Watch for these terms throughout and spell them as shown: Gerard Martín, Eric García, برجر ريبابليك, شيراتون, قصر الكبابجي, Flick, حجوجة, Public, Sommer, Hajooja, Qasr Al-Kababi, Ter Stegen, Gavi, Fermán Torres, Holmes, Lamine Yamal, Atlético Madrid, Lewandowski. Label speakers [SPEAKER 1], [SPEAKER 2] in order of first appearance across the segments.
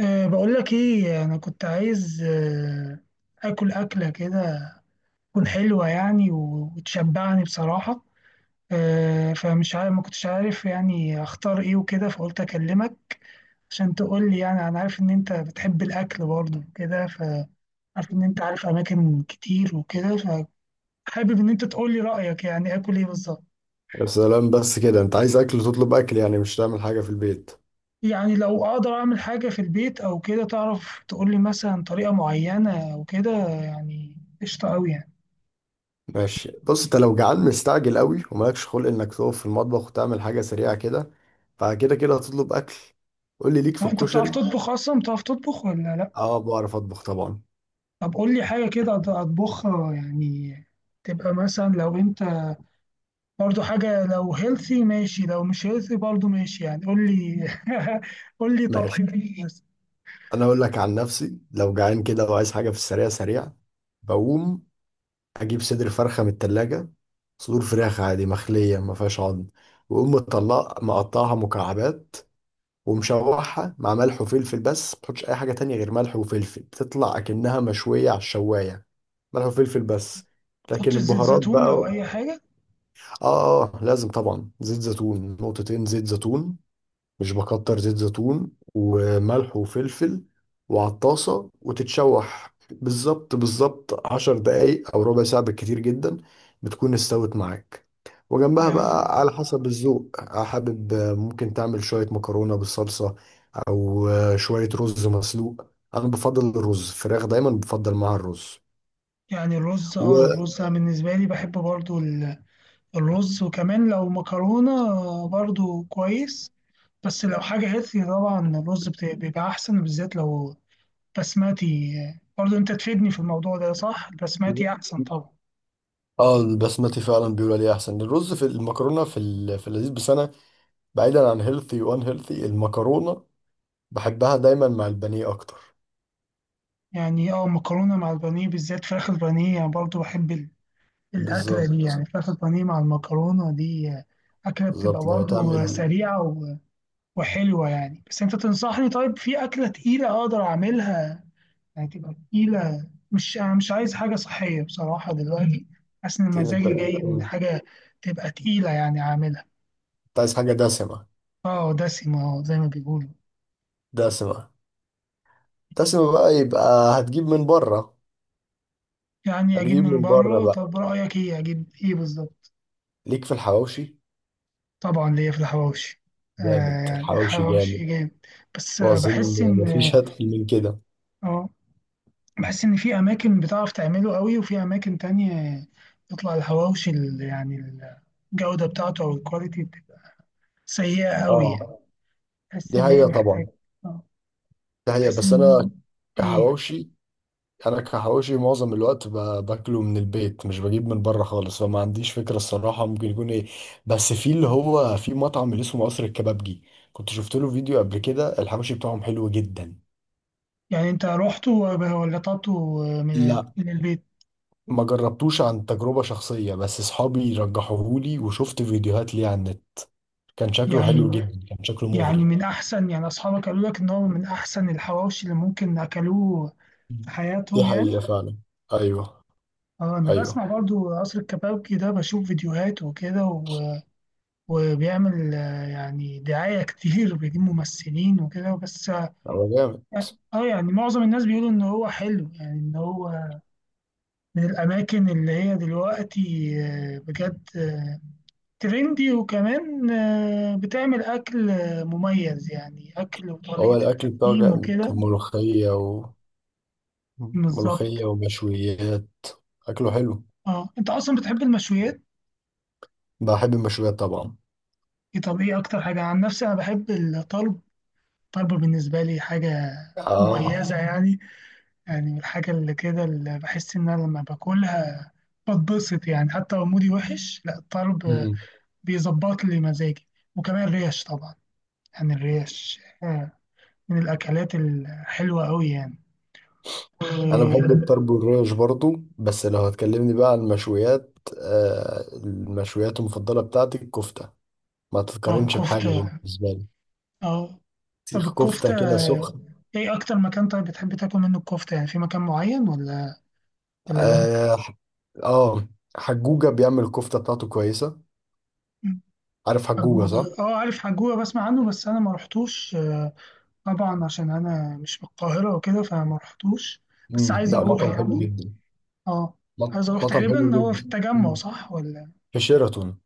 [SPEAKER 1] بقول لك ايه، انا كنت عايز اكل اكله كده تكون حلوه يعني وتشبعني بصراحه. فمش عارف، ما كنتش عارف يعني اختار ايه وكده، فقلت اكلمك عشان تقول لي. يعني انا عارف ان انت بتحب الاكل برضه وكده، فعارف ان انت عارف اماكن كتير وكده. فحابب ان انت تقول لي رايك يعني اكل ايه بالظبط.
[SPEAKER 2] يا سلام بس كده، انت عايز اكل، تطلب اكل يعني مش تعمل حاجه في البيت.
[SPEAKER 1] يعني لو اقدر اعمل حاجه في البيت او كده تعرف تقول لي مثلا طريقه معينه او كده، يعني قشطه قوي يعني.
[SPEAKER 2] ماشي، بص، انت لو جعان مستعجل قوي ومالكش خلق انك تقف في المطبخ وتعمل حاجه سريعه كده، فكده كده هتطلب اكل. قول لي، ليك في
[SPEAKER 1] آه، انت بتعرف
[SPEAKER 2] الكشري؟
[SPEAKER 1] تطبخ اصلا، بتعرف تطبخ ولا لا؟
[SPEAKER 2] اه، بعرف اطبخ طبعا.
[SPEAKER 1] طب قول لي حاجه كده اطبخها يعني. تبقى مثلا لو انت برضو حاجه، لو هيلثي ماشي، لو مش هيلثي برضو ماشي، يعني قول لي قول لي
[SPEAKER 2] ماشي،
[SPEAKER 1] طبختين بس.
[SPEAKER 2] انا اقول لك عن نفسي، لو جعان كده وعايز حاجه في السريع سريع بقوم اجيب صدر فرخه من التلاجة. صدور فراخ عادي مخليه ما فيهاش عظم، واقوم مطلع مقطعها مكعبات ومشوحها مع ملح وفلفل. بس ما تحطش اي حاجه تانية غير ملح وفلفل، بتطلع اكنها مشويه على الشوايه. ملح وفلفل بس.
[SPEAKER 1] ما
[SPEAKER 2] لكن
[SPEAKER 1] تحطش زيت
[SPEAKER 2] البهارات
[SPEAKER 1] زيتون
[SPEAKER 2] بقى
[SPEAKER 1] او اي حاجه.
[SPEAKER 2] لازم طبعا زيت زيتون، نقطتين زيت زيتون. مش بكتر، زيت زيتون وملح وفلفل، وعلى الطاسة وتتشوح بالظبط بالظبط 10 دقايق أو ربع ساعة بالكتير جدا. بتكون استوت معاك. وجنبها
[SPEAKER 1] يعني
[SPEAKER 2] بقى على حسب الذوق، حابب ممكن تعمل شوية مكرونة بالصلصة أو شوية رز مسلوق. أنا بفضل الرز، فراخ دايما بفضل معاها الرز
[SPEAKER 1] يعني الرز،
[SPEAKER 2] و...
[SPEAKER 1] الرز أنا بالنسبه لي بحب برضو الرز، وكمان لو مكرونه برضو كويس. بس لو حاجه هيلثي، طبعا الرز بيبقى احسن، بالذات لو بسماتي. برضه انت تفيدني في الموضوع ده، صح، البسماتي احسن طبعا.
[SPEAKER 2] اه، البسمتي فعلا بيقول عليه احسن الرز في المكرونه في اللذيذ. بس انا بعيدا عن هيلثي، وان هيلثي المكرونه بحبها دايما مع البانيه اكتر.
[SPEAKER 1] يعني مكرونه مع البانيه، بالذات فراخ البانيه، يعني برضه بحب الاكله دي،
[SPEAKER 2] بالظبط.
[SPEAKER 1] يعني فراخ البانيه مع المكرونه دي. اكله بتبقى
[SPEAKER 2] بالظبط لو
[SPEAKER 1] برضه
[SPEAKER 2] تعمل
[SPEAKER 1] سريعه وحلوه يعني. بس انت تنصحني طيب في اكله تقيله اقدر اعملها؟ يعني تبقى تقيله، مش، انا مش عايز حاجه صحيه بصراحه دلوقتي، حاسس ان
[SPEAKER 2] تقيل انت.
[SPEAKER 1] مزاجي جاي من
[SPEAKER 2] مم.
[SPEAKER 1] حاجه تبقى تقيله يعني اعملها.
[SPEAKER 2] انت عايز حاجه دسمه؟
[SPEAKER 1] اه، دسمه، اه، زي ما بيقولوا.
[SPEAKER 2] دسمه دسمه بقى، يبقى هتجيب من بره.
[SPEAKER 1] يعني اجيب من بره،
[SPEAKER 2] بقى،
[SPEAKER 1] طب رايك ايه، اجيب ايه بالظبط؟
[SPEAKER 2] ليك في الحواوشي.
[SPEAKER 1] طبعا ليا في الحواوشي. آه،
[SPEAKER 2] جامد
[SPEAKER 1] يعني
[SPEAKER 2] الحواوشي،
[SPEAKER 1] الحواوشي
[SPEAKER 2] جامد.
[SPEAKER 1] جامد، بس
[SPEAKER 2] واظن
[SPEAKER 1] بحس ان،
[SPEAKER 2] مفيش هتحل من كده.
[SPEAKER 1] اه بحس ان في اماكن بتعرف تعمله قوي وفي اماكن تانية بيطلع الحواوشي يعني الجوده بتاعته او الكواليتي بتبقى سيئه قوي
[SPEAKER 2] اه،
[SPEAKER 1] يعني. بحس
[SPEAKER 2] دي
[SPEAKER 1] ان هي
[SPEAKER 2] حقيقه
[SPEAKER 1] محتاج،
[SPEAKER 2] طبعا.
[SPEAKER 1] آه،
[SPEAKER 2] دي حقيقه،
[SPEAKER 1] بحس
[SPEAKER 2] بس
[SPEAKER 1] ان
[SPEAKER 2] انا
[SPEAKER 1] ايه.
[SPEAKER 2] كحواوشي كحواوشي معظم الوقت باكله من البيت، مش بجيب من بره خالص، فما عنديش فكره الصراحه ممكن يكون ايه. بس في اللي هو في مطعم اللي اسمه قصر الكبابجي، كنت شفت له فيديو قبل كده، الحواوشي بتاعهم حلو جدا.
[SPEAKER 1] يعني انت رحت ولا طلبته من
[SPEAKER 2] لا،
[SPEAKER 1] من البيت؟
[SPEAKER 2] ما جربتوش عن تجربه شخصيه، بس اصحابي رجحوهولي وشفت فيديوهات ليه على النت. كان شكله
[SPEAKER 1] يعني
[SPEAKER 2] حلو جدا، كان شكله
[SPEAKER 1] يعني
[SPEAKER 2] مغري.
[SPEAKER 1] من أحسن، يعني أصحابك قالوا لك إن هو من أحسن الحواوشي اللي ممكن أكلوه في
[SPEAKER 2] دي
[SPEAKER 1] حياتهم يعني.
[SPEAKER 2] حقيقه فعلا. ايوه،
[SPEAKER 1] اه، أنا
[SPEAKER 2] ايوه.
[SPEAKER 1] بسمع برضو قصر الكبابجي ده، بشوف فيديوهات وكده وبيعمل يعني دعاية كتير، وبيجيب ممثلين وكده، بس
[SPEAKER 2] هو جامد
[SPEAKER 1] يعني معظم الناس بيقولوا إن هو حلو، يعني إن هو من الأماكن اللي هي دلوقتي، بجد، ترندي، وكمان بتعمل أكل مميز، يعني أكل
[SPEAKER 2] هو
[SPEAKER 1] وطريقة
[SPEAKER 2] الاكل بتاعه
[SPEAKER 1] التقديم
[SPEAKER 2] جامد.
[SPEAKER 1] وكده.
[SPEAKER 2] ملوخيه
[SPEAKER 1] بالظبط.
[SPEAKER 2] ملوخية ومشويات. أكله حلو.
[SPEAKER 1] اه، انت اصلا بتحب المشويات.
[SPEAKER 2] بحب المشويات طبعا.
[SPEAKER 1] إيه، طب ايه اكتر حاجه، عن نفسي انا بحب الطرب، الطرب بالنسبه لي حاجه
[SPEAKER 2] آه.
[SPEAKER 1] مميزه يعني. يعني من الحاجه اللي كده، اللي بحس ان انا لما باكلها بتبسط يعني، حتى لو مودي وحش، لا، الطرب
[SPEAKER 2] مم.
[SPEAKER 1] بيظبط لي مزاجي. وكمان الريش طبعا، يعني الريش من الاكلات الحلوه قوي يعني.
[SPEAKER 2] أنا بحب
[SPEAKER 1] و-
[SPEAKER 2] الطرب والريش برضو. بس لو هتكلمني بقى عن المشويات، المشويات المفضلة بتاعتي الكفتة، ما تتقارنش بحاجة
[SPEAKER 1] والكفته،
[SPEAKER 2] بالنسبة لي.
[SPEAKER 1] اه. طب
[SPEAKER 2] سيخ كفتة
[SPEAKER 1] الكفته،
[SPEAKER 2] كده سخن.
[SPEAKER 1] ايه اكتر مكان طيب بتحب تاكل منه الكفته، يعني في مكان معين ولا لا؟
[SPEAKER 2] آه, آه, حجوجة بيعمل الكفتة بتاعته كويسة. عارف حجوجة،
[SPEAKER 1] حجوجة،
[SPEAKER 2] صح؟
[SPEAKER 1] اه، عارف حجوجة، بسمع عنه، بس انا ما رحتوش، طبعا عشان انا مش من القاهرة وكده، فما رحتوش. بس
[SPEAKER 2] مم.
[SPEAKER 1] عايز
[SPEAKER 2] لا،
[SPEAKER 1] اروح
[SPEAKER 2] مطعم حلو
[SPEAKER 1] يعني،
[SPEAKER 2] جدا.
[SPEAKER 1] اه عايز اروح.
[SPEAKER 2] مطعم حلو
[SPEAKER 1] تقريبا هو في
[SPEAKER 2] جدا.
[SPEAKER 1] التجمع
[SPEAKER 2] مم.
[SPEAKER 1] صح ولا؟
[SPEAKER 2] في شيراتون.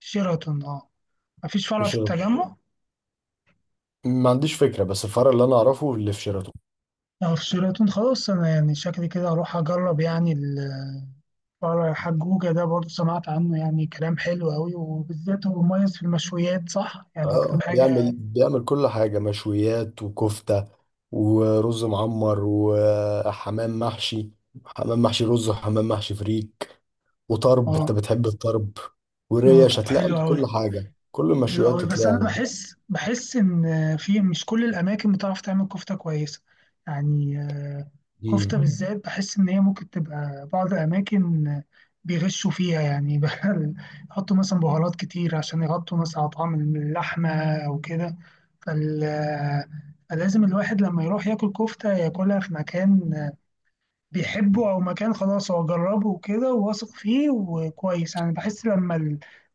[SPEAKER 1] شيراتون، اه. مفيش
[SPEAKER 2] في
[SPEAKER 1] فرع في
[SPEAKER 2] شيراتون
[SPEAKER 1] التجمع؟
[SPEAKER 2] ما عنديش فكرة، بس الفرع اللي أنا أعرفه اللي في شيراتون.
[SPEAKER 1] اه، في شيراتون. خلاص، انا يعني شكلي كده اروح اجرب يعني الفرع. حجوجة ده برضه سمعت عنه يعني كلام حلو قوي، وبالذات هو مميز في المشويات صح يعني اكتر
[SPEAKER 2] اه،
[SPEAKER 1] حاجة.
[SPEAKER 2] بيعمل كل حاجة، مشويات وكفتة ورز معمر وحمام محشي، حمام محشي رز وحمام محشي فريك، وطرب، انت
[SPEAKER 1] اه،
[SPEAKER 2] بتحب الطرب، وريش.
[SPEAKER 1] طب
[SPEAKER 2] هتلاقي
[SPEAKER 1] حلو
[SPEAKER 2] عنده كل
[SPEAKER 1] قوي.
[SPEAKER 2] حاجة، كل
[SPEAKER 1] حلو
[SPEAKER 2] المشويات
[SPEAKER 1] قوي، بس
[SPEAKER 2] هتلاقي
[SPEAKER 1] انا
[SPEAKER 2] عنده.
[SPEAKER 1] بحس ان في مش كل الاماكن بتعرف تعمل كفته كويسه. يعني
[SPEAKER 2] مم.
[SPEAKER 1] كفته بالذات بحس ان هي ممكن تبقى بعض الاماكن بيغشوا فيها يعني بقى. يحطوا مثلا بهارات كتير عشان يغطوا مثلا على طعم اللحمه او كده. فال آه، فلازم الواحد لما يروح ياكل كفته ياكلها في مكان بيحبه، او مكان خلاص هو جربه وكده وواثق فيه وكويس، يعني بحس لما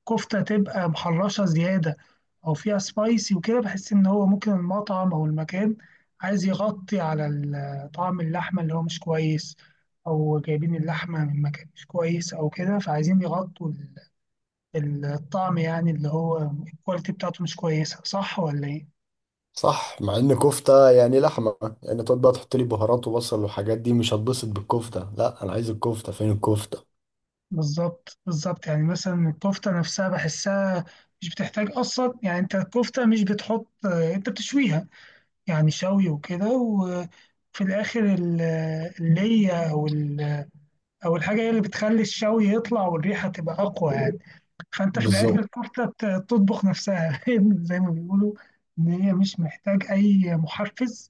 [SPEAKER 1] الكفته تبقى محرشه زياده، او فيها سبايسي وكده، بحس ان هو ممكن المطعم او المكان عايز يغطي على طعم اللحمه اللي هو مش كويس، او جايبين اللحمه من مكان مش كويس او كده، فعايزين يغطوا الطعم يعني اللي هو الكواليتي بتاعته مش كويسه، صح ولا ايه؟
[SPEAKER 2] صح، مع ان كفتة يعني لحمة، يعني تقعد بقى تحط لي بهارات وبصل والحاجات دي؟ مش هتبسط بالكفتة، لا انا عايز الكفتة، فين الكفتة؟
[SPEAKER 1] بالظبط بالظبط، يعني مثلا الكفتة نفسها بحسها مش بتحتاج أصلا، يعني أنت الكفتة مش بتحط، أنت بتشويها يعني شوي وكده، وفي الآخر اللية أو أو الحاجة هي اللي بتخلي الشوي يطلع والريحة تبقى أقوى يعني. فانت في الاخر
[SPEAKER 2] بالظبط.
[SPEAKER 1] الكفته تطبخ نفسها زي ما بيقولوا ان هي مش محتاج اي محفز،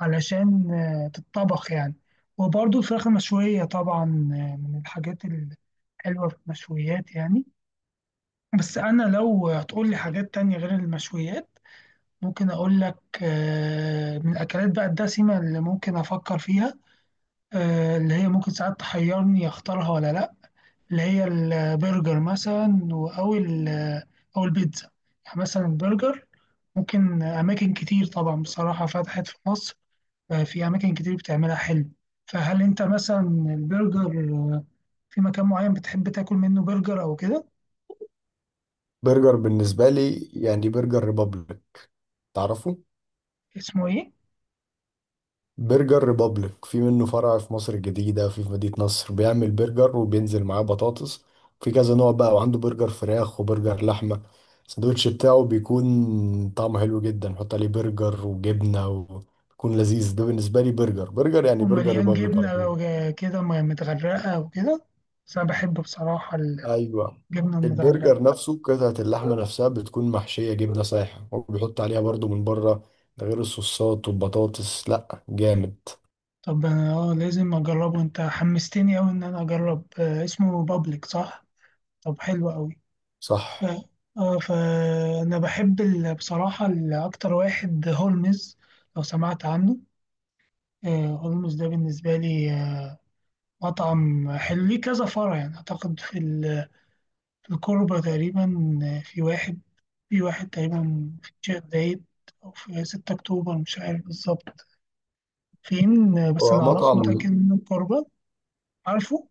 [SPEAKER 1] علشان تتطبخ يعني. وبرضه الفراخ المشويه طبعا من الحاجات الحلوه في المشويات يعني. بس انا لو هتقول لي حاجات تانية غير المشويات، ممكن اقول لك من الاكلات بقى الدسمه اللي ممكن افكر فيها، اللي هي ممكن ساعات تحيرني اختارها ولا لا. اللي هي البرجر مثلا، أو أو البيتزا. يعني مثلا البرجر، ممكن أماكن كتير طبعا بصراحة فتحت في مصر، في أماكن كتير بتعملها حلو. فهل أنت مثلا البرجر آه، في مكان معين بتحب تاكل منه برجر أو كده؟
[SPEAKER 2] برجر بالنسبة لي يعني برجر ريبابليك، تعرفه؟
[SPEAKER 1] اسمه إيه؟
[SPEAKER 2] برجر ريبابليك، في منه فرع في مصر الجديدة، في مدينة نصر. بيعمل برجر وبينزل معاه بطاطس في كذا نوع بقى، وعنده برجر فراخ وبرجر لحمة. الساندوتش بتاعه بيكون طعمه حلو جدا، نحط عليه برجر وجبنة وبيكون لذيذ. ده بالنسبة لي، برجر يعني برجر
[SPEAKER 1] ومليان
[SPEAKER 2] ريبابليك على
[SPEAKER 1] جبنة لو
[SPEAKER 2] طول.
[SPEAKER 1] كده متغرقة وكده، بس أنا بحب بصراحة
[SPEAKER 2] أيوة.
[SPEAKER 1] الجبنة
[SPEAKER 2] البرجر
[SPEAKER 1] المتغرقة.
[SPEAKER 2] نفسه، قطعة اللحمة نفسها بتكون محشية جبنة سايحة وبيحط عليها برضو من بره. ده غير الصوصات والبطاطس، لأ جامد.
[SPEAKER 1] طب أنا لازم أجربه، أنت حمستني أوي إن أنا أجرب، اسمه بابليك صح؟ طب حلو أوي.
[SPEAKER 2] صح.
[SPEAKER 1] اه، فانا بحب بصراحه اكتر واحد هولمز لو سمعت عنه. هولمز ده بالنسبه لي مطعم حلو ليه كذا فرع يعني، اعتقد في في الكوربه تقريبا، آه، في واحد في واحد تقريبا في الشيخ زايد او في 6 اكتوبر مش عارف بالظبط فين، بس اللي اعرفه
[SPEAKER 2] ومطعم،
[SPEAKER 1] متاكد انه الكوربه. عارفه،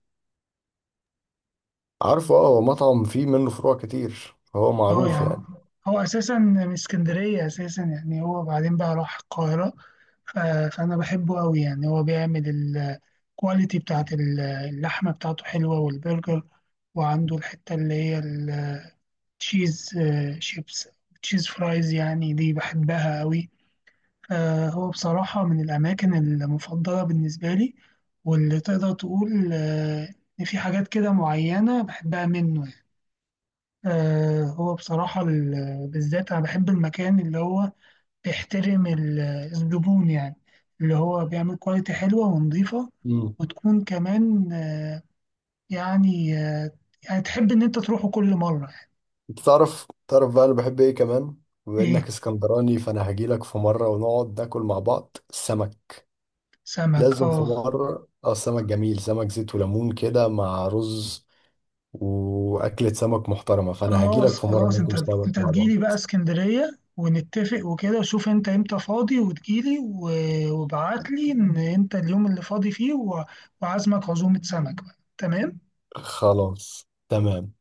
[SPEAKER 2] عارفه؟ اه، هو مطعم فيه منه فروع كتير، فهو
[SPEAKER 1] اه،
[SPEAKER 2] معروف
[SPEAKER 1] يعني
[SPEAKER 2] يعني.
[SPEAKER 1] هو اساسا من اسكندريه اساسا، يعني هو بعدين بقى راح القاهره، ف- فانا بحبه قوي يعني. هو بيعمل الكواليتي بتاعت اللحمة بتاعته حلوة والبرجر، وعنده الحتة اللي هي التشيز آه، شيبس تشيز فرايز يعني دي بحبها قوي. فهو بصراحة من الأماكن المفضلة بالنسبة لي، واللي تقدر تقول إن في حاجات كده معينة بحبها منه يعني. هو بصراحة بالذات أنا بحب المكان اللي هو بيحترم الزبون يعني، اللي هو بيعمل كواليتي حلوة ونظيفة
[SPEAKER 2] امم.
[SPEAKER 1] وتكون كمان، يعني آه، يعني تحب إن أنت تروحه كل مرة يعني.
[SPEAKER 2] انت تعرف، بقى انا بحب ايه كمان؟ بما انك
[SPEAKER 1] إيه،
[SPEAKER 2] اسكندراني، فانا هجيلك في مره ونقعد ناكل مع بعض السمك.
[SPEAKER 1] سمك،
[SPEAKER 2] لازم في
[SPEAKER 1] أه.
[SPEAKER 2] مره، السمك جميل، سمك زيت وليمون كده مع رز. واكلة سمك محترمه، فانا هجيلك
[SPEAKER 1] خلاص
[SPEAKER 2] في مره
[SPEAKER 1] خلاص أنت
[SPEAKER 2] ناكل سمك
[SPEAKER 1] أنت
[SPEAKER 2] مع بعض.
[SPEAKER 1] تجيلي بقى اسكندرية، ونتفق وكده، شوف أنت إمتى فاضي وتجيلي، وابعتلي إن أنت اليوم اللي فاضي فيه، وعازمك عزومة سمك بقى، تمام.
[SPEAKER 2] خلاص، تمام.